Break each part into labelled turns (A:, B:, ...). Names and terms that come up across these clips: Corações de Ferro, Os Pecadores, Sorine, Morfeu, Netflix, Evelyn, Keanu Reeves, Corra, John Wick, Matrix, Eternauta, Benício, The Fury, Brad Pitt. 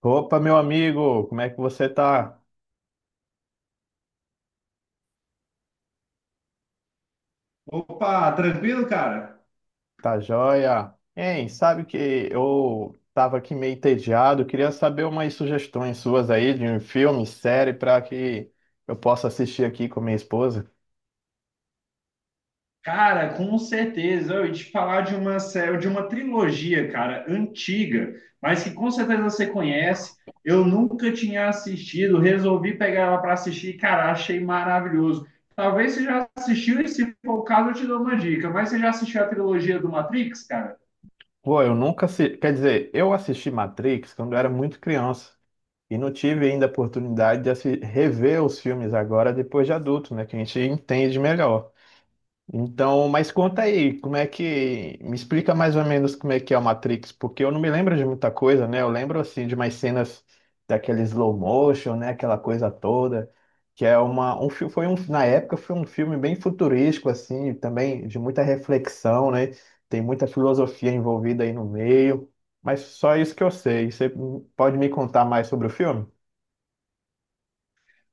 A: Opa, meu amigo, como é que você tá?
B: Opa, tranquilo, cara?
A: Tá joia? Hein, sabe que eu tava aqui meio entediado, queria saber umas sugestões suas aí de um filme, série, para que eu possa assistir aqui com minha esposa.
B: Cara, com certeza. Eu ia te falar de uma série, de uma trilogia, cara, antiga, mas que com certeza você conhece. Eu nunca tinha assistido, resolvi pegar ela para assistir, cara, achei maravilhoso. Talvez você já assistiu, e se for o caso, eu te dou uma dica. Mas você já assistiu a trilogia do Matrix, cara?
A: Pô, eu nunca assisti, quer dizer, eu assisti Matrix quando eu era muito criança e não tive ainda a oportunidade de rever os filmes agora depois de adulto, né, que a gente entende melhor. Então, mas conta aí, como é que. Me explica mais ou menos como é que é o Matrix, porque eu não me lembro de muita coisa, né? Eu lembro, assim, de umas cenas daquele slow motion, né? Aquela coisa toda, que é uma. Na época foi um filme bem futurístico, assim, também de muita reflexão, né? Tem muita filosofia envolvida aí no meio, mas só isso que eu sei. Você pode me contar mais sobre o filme?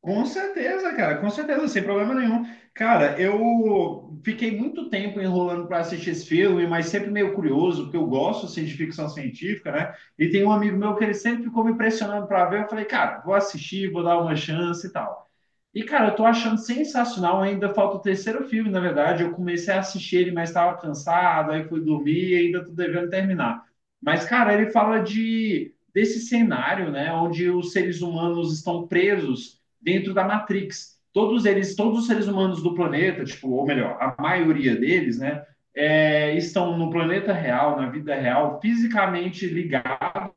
B: Com certeza, cara, com certeza, sem problema nenhum. Cara, eu fiquei muito tempo enrolando para assistir esse filme, mas sempre meio curioso, porque eu gosto assim, de ficção científica, né? E tem um amigo meu que ele sempre ficou me pressionando para ver. Eu falei, cara, vou assistir, vou dar uma chance e tal. E, cara, eu tô achando sensacional. Ainda falta o terceiro filme, na verdade. Eu comecei a assistir ele, mas estava cansado, aí fui dormir e ainda tô devendo terminar. Mas, cara, ele fala de desse cenário, né, onde os seres humanos estão presos dentro da Matrix. Todos eles, todos os seres humanos do planeta, tipo, ou melhor, a maioria deles, né, é, estão no planeta real, na vida real, fisicamente ligados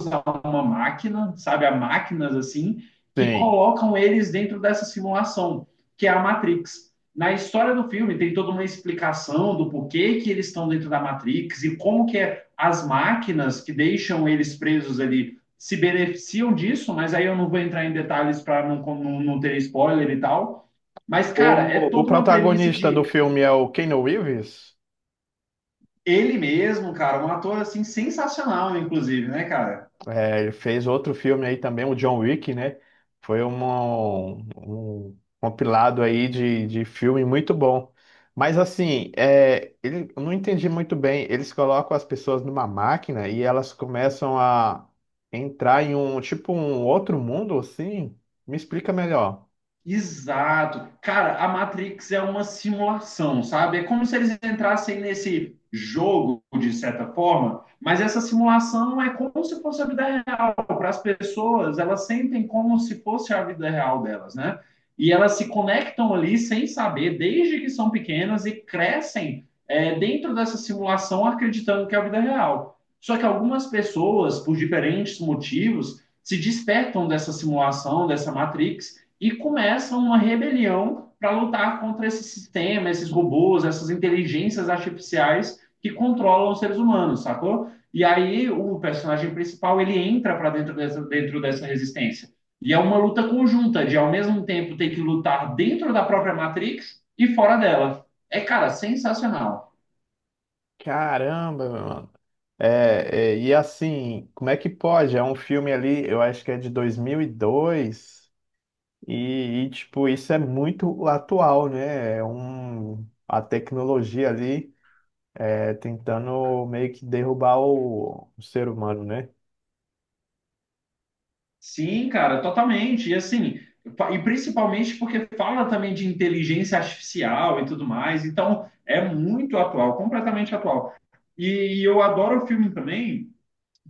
B: usar uma máquina, sabe? Há máquinas assim, que
A: Sim.
B: colocam eles dentro dessa simulação, que é a Matrix. Na história do filme tem toda uma explicação do porquê que eles estão dentro da Matrix e como que é as máquinas que deixam eles presos ali se beneficiam disso, mas aí eu não vou entrar em detalhes para não ter spoiler e tal. Mas, cara, é
A: O
B: toda uma premissa
A: protagonista do
B: de
A: filme é o Keanu Reeves?
B: ele mesmo, cara, um ator assim sensacional, inclusive, né, cara?
A: É, ele fez outro filme aí também, o John Wick, né? Foi um compilado aí de filme muito bom. Mas assim, é, ele, eu não entendi muito bem. Eles colocam as pessoas numa máquina e elas começam a entrar em um tipo um outro mundo assim. Me explica melhor.
B: Exato. Cara, a Matrix é uma simulação, sabe? É como se eles entrassem nesse jogo, de certa forma, mas essa simulação é como se fosse a vida real. Para as pessoas, elas sentem como se fosse a vida real delas, né? E elas se conectam ali sem saber, desde que são pequenas e crescem é, dentro dessa simulação, acreditando que é a vida real. Só que algumas pessoas, por diferentes motivos, se despertam dessa simulação, dessa Matrix e começam uma rebelião para lutar contra esse sistema, esses robôs, essas inteligências artificiais que controlam os seres humanos, sacou? E aí o personagem principal ele entra para dentro dessa resistência. E é uma luta conjunta de ao mesmo tempo ter que lutar dentro da própria Matrix e fora dela. É, cara, sensacional.
A: Caramba, mano. E assim, como é que pode? É um filme ali, eu acho que é de 2002. Tipo, isso é muito atual, né? É um, a tecnologia ali é tentando meio que derrubar o ser humano, né?
B: Sim, cara, totalmente. E assim, e principalmente porque fala também de inteligência artificial e tudo mais, então é muito atual, completamente atual. E eu adoro o filme também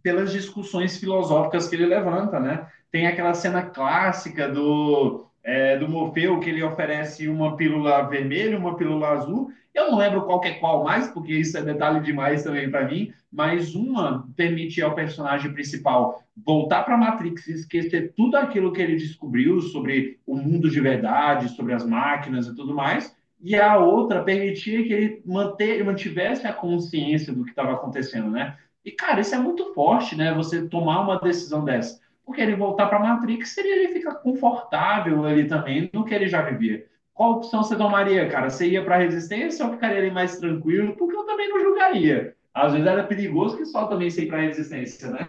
B: pelas discussões filosóficas que ele levanta, né? Tem aquela cena clássica do, é, do Morfeu que ele oferece uma pílula vermelha, uma pílula azul. Eu não lembro qual que é qual mais, porque isso é detalhe demais também para mim. Mas uma permite ao personagem principal voltar para a Matrix, e esquecer tudo aquilo que ele descobriu sobre o mundo de verdade, sobre as máquinas e tudo mais. E a outra permitia que ele manter, mantivesse a consciência do que estava acontecendo, né? E, cara, isso é muito forte, né? Você tomar uma decisão dessa. Porque ele voltar para a Matrix seria ele ficar confortável ali também no que ele já vivia. Qual opção você tomaria, cara? Você ia para a Resistência ou ficaria ali mais tranquilo? Porque eu também não julgaria. Às vezes era perigoso que só também sei para a Resistência, né?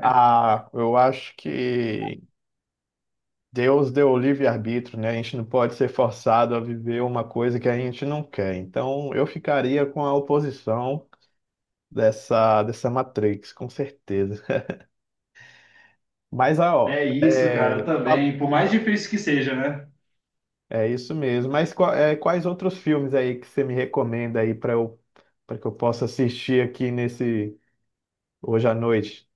A: Ah, eu acho que Deus deu o livre-arbítrio, né? A gente não pode ser forçado a viver uma coisa que a gente não quer. Então, eu ficaria com a oposição dessa Matrix, com certeza. Mas, ó,
B: É isso, cara,
A: é,
B: também. Por mais difícil que seja, né?
A: é isso mesmo. Mas é, quais outros filmes aí que você me recomenda aí para que eu possa assistir aqui nesse hoje à noite?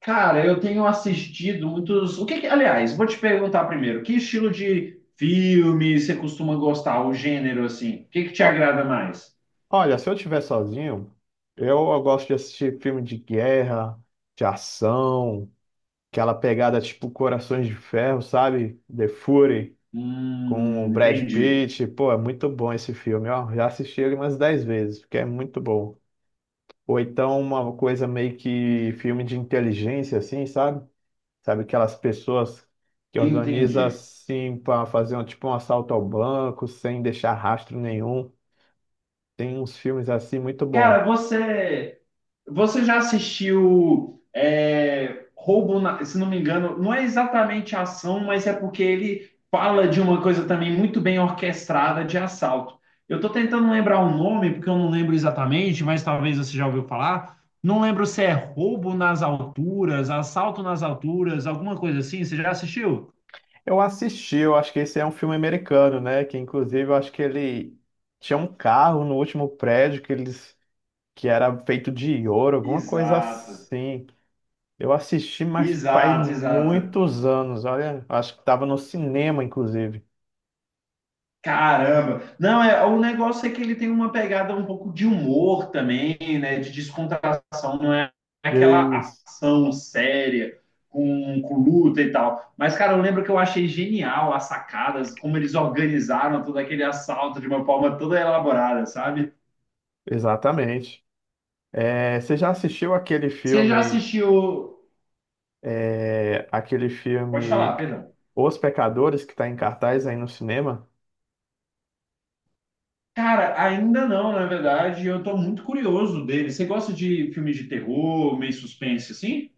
B: Cara, eu tenho assistido muitos. O que que... Aliás, vou te perguntar primeiro, que estilo de filme você costuma gostar, o gênero assim? O que que te
A: Ó,
B: agrada mais?
A: olha, se eu estiver sozinho, eu gosto de assistir filme de guerra, de ação, aquela pegada tipo Corações de Ferro, sabe? The Fury com o Brad
B: Entendi,
A: Pitt. Pô, é muito bom esse filme, ó. Já assisti ele umas 10 vezes, porque é muito bom. Ou então uma coisa meio que filme de inteligência assim, sabe? Sabe aquelas pessoas que
B: entendi.
A: organizam assim para fazer um, tipo um assalto ao banco sem deixar rastro nenhum. Tem uns filmes assim muito bom.
B: Cara, você já assistiu é, Roubo, na- se não me engano, não é exatamente ação, mas é porque ele fala de uma coisa também muito bem orquestrada de assalto. Eu tô tentando lembrar o nome, porque eu não lembro exatamente, mas talvez você já ouviu falar. Não lembro se é Roubo nas Alturas, Assalto nas Alturas, alguma coisa assim. Você já assistiu?
A: Eu assisti, eu acho que esse é um filme americano, né? Que inclusive eu acho que ele tinha um carro no último prédio que era feito de ouro, alguma coisa
B: Exato,
A: assim. Eu assisti, mas faz
B: exato, exato.
A: muitos anos. Olha, acho que estava no cinema, inclusive.
B: Caramba! Não, é, o negócio é que ele tem uma pegada um pouco de humor também, né? De descontração, não é aquela
A: Isso.
B: ação séria com luta e tal. Mas, cara, eu lembro que eu achei genial as sacadas, como eles organizaram todo aquele assalto de uma forma toda elaborada, sabe?
A: Exatamente. É, você já assistiu aquele
B: Você já
A: filme?
B: assistiu.
A: É aquele
B: Pode
A: filme
B: falar, perdão.
A: Os Pecadores, que está em cartaz aí no cinema.
B: Cara, ainda não, na verdade, eu tô muito curioso dele. Você gosta de filmes de terror, meio suspense, assim?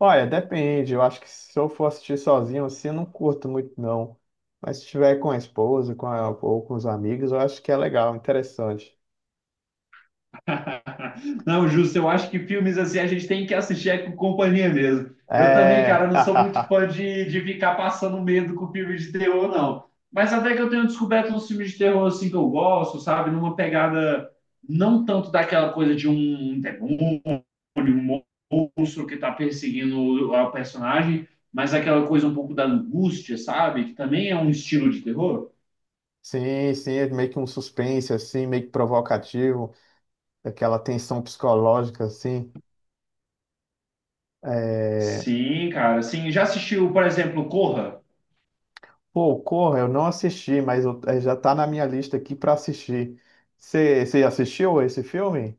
A: Olha, depende. Eu acho que se eu for assistir sozinho, assim, eu não curto muito, não. Mas se tiver com a esposa, ou com os amigos, eu acho que é legal, interessante.
B: Não, justo, eu acho que filmes assim a gente tem que assistir é com companhia mesmo. Eu também, cara,
A: É.
B: não sou muito fã de ficar passando medo com filme de terror, não. Mas até que eu tenho descoberto uns filmes de terror assim que eu gosto, sabe? Numa pegada não tanto daquela coisa de um demônio, um monstro que tá perseguindo o personagem, mas aquela coisa um pouco da angústia, sabe? Que também é um estilo de terror.
A: Sim, sim, é meio que um suspense, assim, meio que provocativo, aquela tensão psicológica, assim. É...
B: Sim, cara, sim. Já assistiu, por exemplo, Corra?
A: Pô, Corra, eu não assisti, é, já tá na minha lista aqui para assistir. Você assistiu esse filme?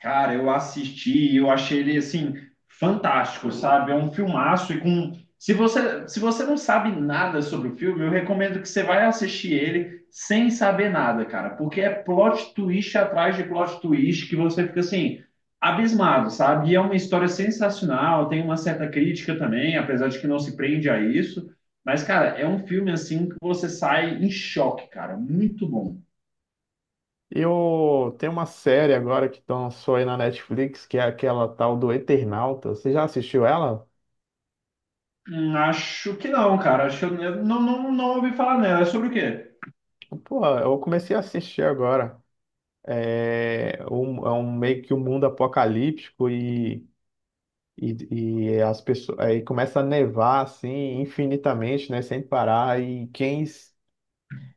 B: Cara, eu assisti e eu achei ele assim fantástico, sabe? É um filmaço e com se você não sabe nada sobre o filme, eu recomendo que você vai assistir ele sem saber nada, cara, porque é plot twist atrás de plot twist que você fica assim abismado, sabe? E é uma história sensacional, tem uma certa crítica também, apesar de que não se prende a isso, mas cara, é um filme assim que você sai em choque, cara, muito bom.
A: Eu tem uma série agora que lançou aí na Netflix, que é aquela tal do Eternauta. Você já assistiu ela?
B: Acho que não, cara. Acho que eu não, não ouvi falar nela. É sobre o quê?
A: Pô, eu comecei a assistir agora. É um meio que um mundo apocalíptico e, e as pessoas aí começa a nevar assim infinitamente, né, sem parar. E quem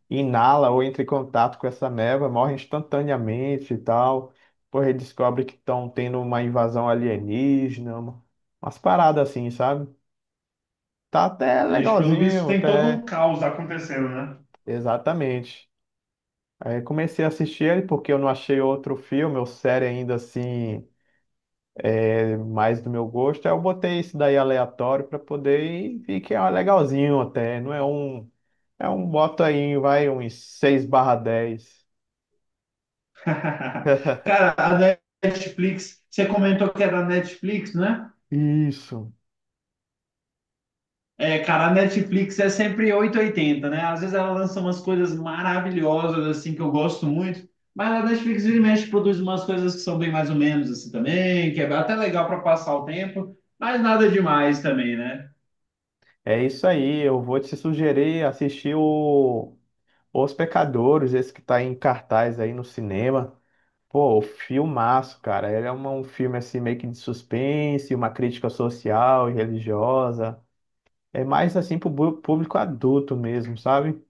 A: inala ou entra em contato com essa neva morre instantaneamente e tal. Porra, aí descobre que estão tendo uma invasão alienígena, umas paradas assim, sabe? Tá até
B: Vixe, pelo visto
A: legalzinho,
B: tem todo um
A: até.
B: caos acontecendo, né?
A: Exatamente. Aí comecei a assistir ele porque eu não achei outro filme ou série ainda assim mais do meu gosto. Aí eu botei esse daí aleatório para poder e vi que é um legalzinho até. Não é um. É um bota aí, vai, uns 6/10
B: Cara, a Netflix, você comentou que é da Netflix, né?
A: Isso.
B: É, cara, a Netflix é sempre oito e oitenta, né? Às vezes ela lança umas coisas maravilhosas, assim, que eu gosto muito. Mas a Netflix vira e mexe produz umas coisas que são bem mais ou menos, assim, também, que é até legal para passar o tempo, mas nada demais também, né?
A: É isso aí. Eu vou te sugerir assistir o Os Pecadores, esse que tá em cartaz aí no cinema. Pô, o filmaço, cara. Ele é um filme assim meio que de suspense, uma crítica social e religiosa. É mais assim público adulto mesmo, sabe?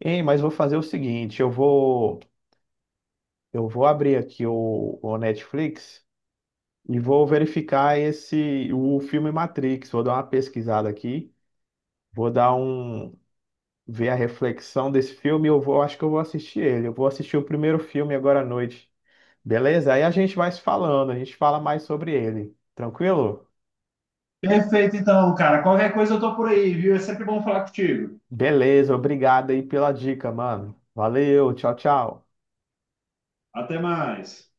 A: Ei, mas vou fazer o seguinte, eu vou abrir aqui o Netflix e vou verificar esse o filme Matrix. Vou dar uma pesquisada aqui, vou dar um ver a reflexão desse filme, e eu vou acho que eu vou assistir ele. Eu vou assistir o primeiro filme agora à noite. Beleza? Aí a gente vai se falando, a gente fala mais sobre ele. Tranquilo?
B: Perfeito, então, cara. Qualquer coisa eu tô por aí, viu? É sempre bom falar contigo.
A: Beleza, obrigado aí pela dica, mano. Valeu, tchau, tchau.
B: Até mais.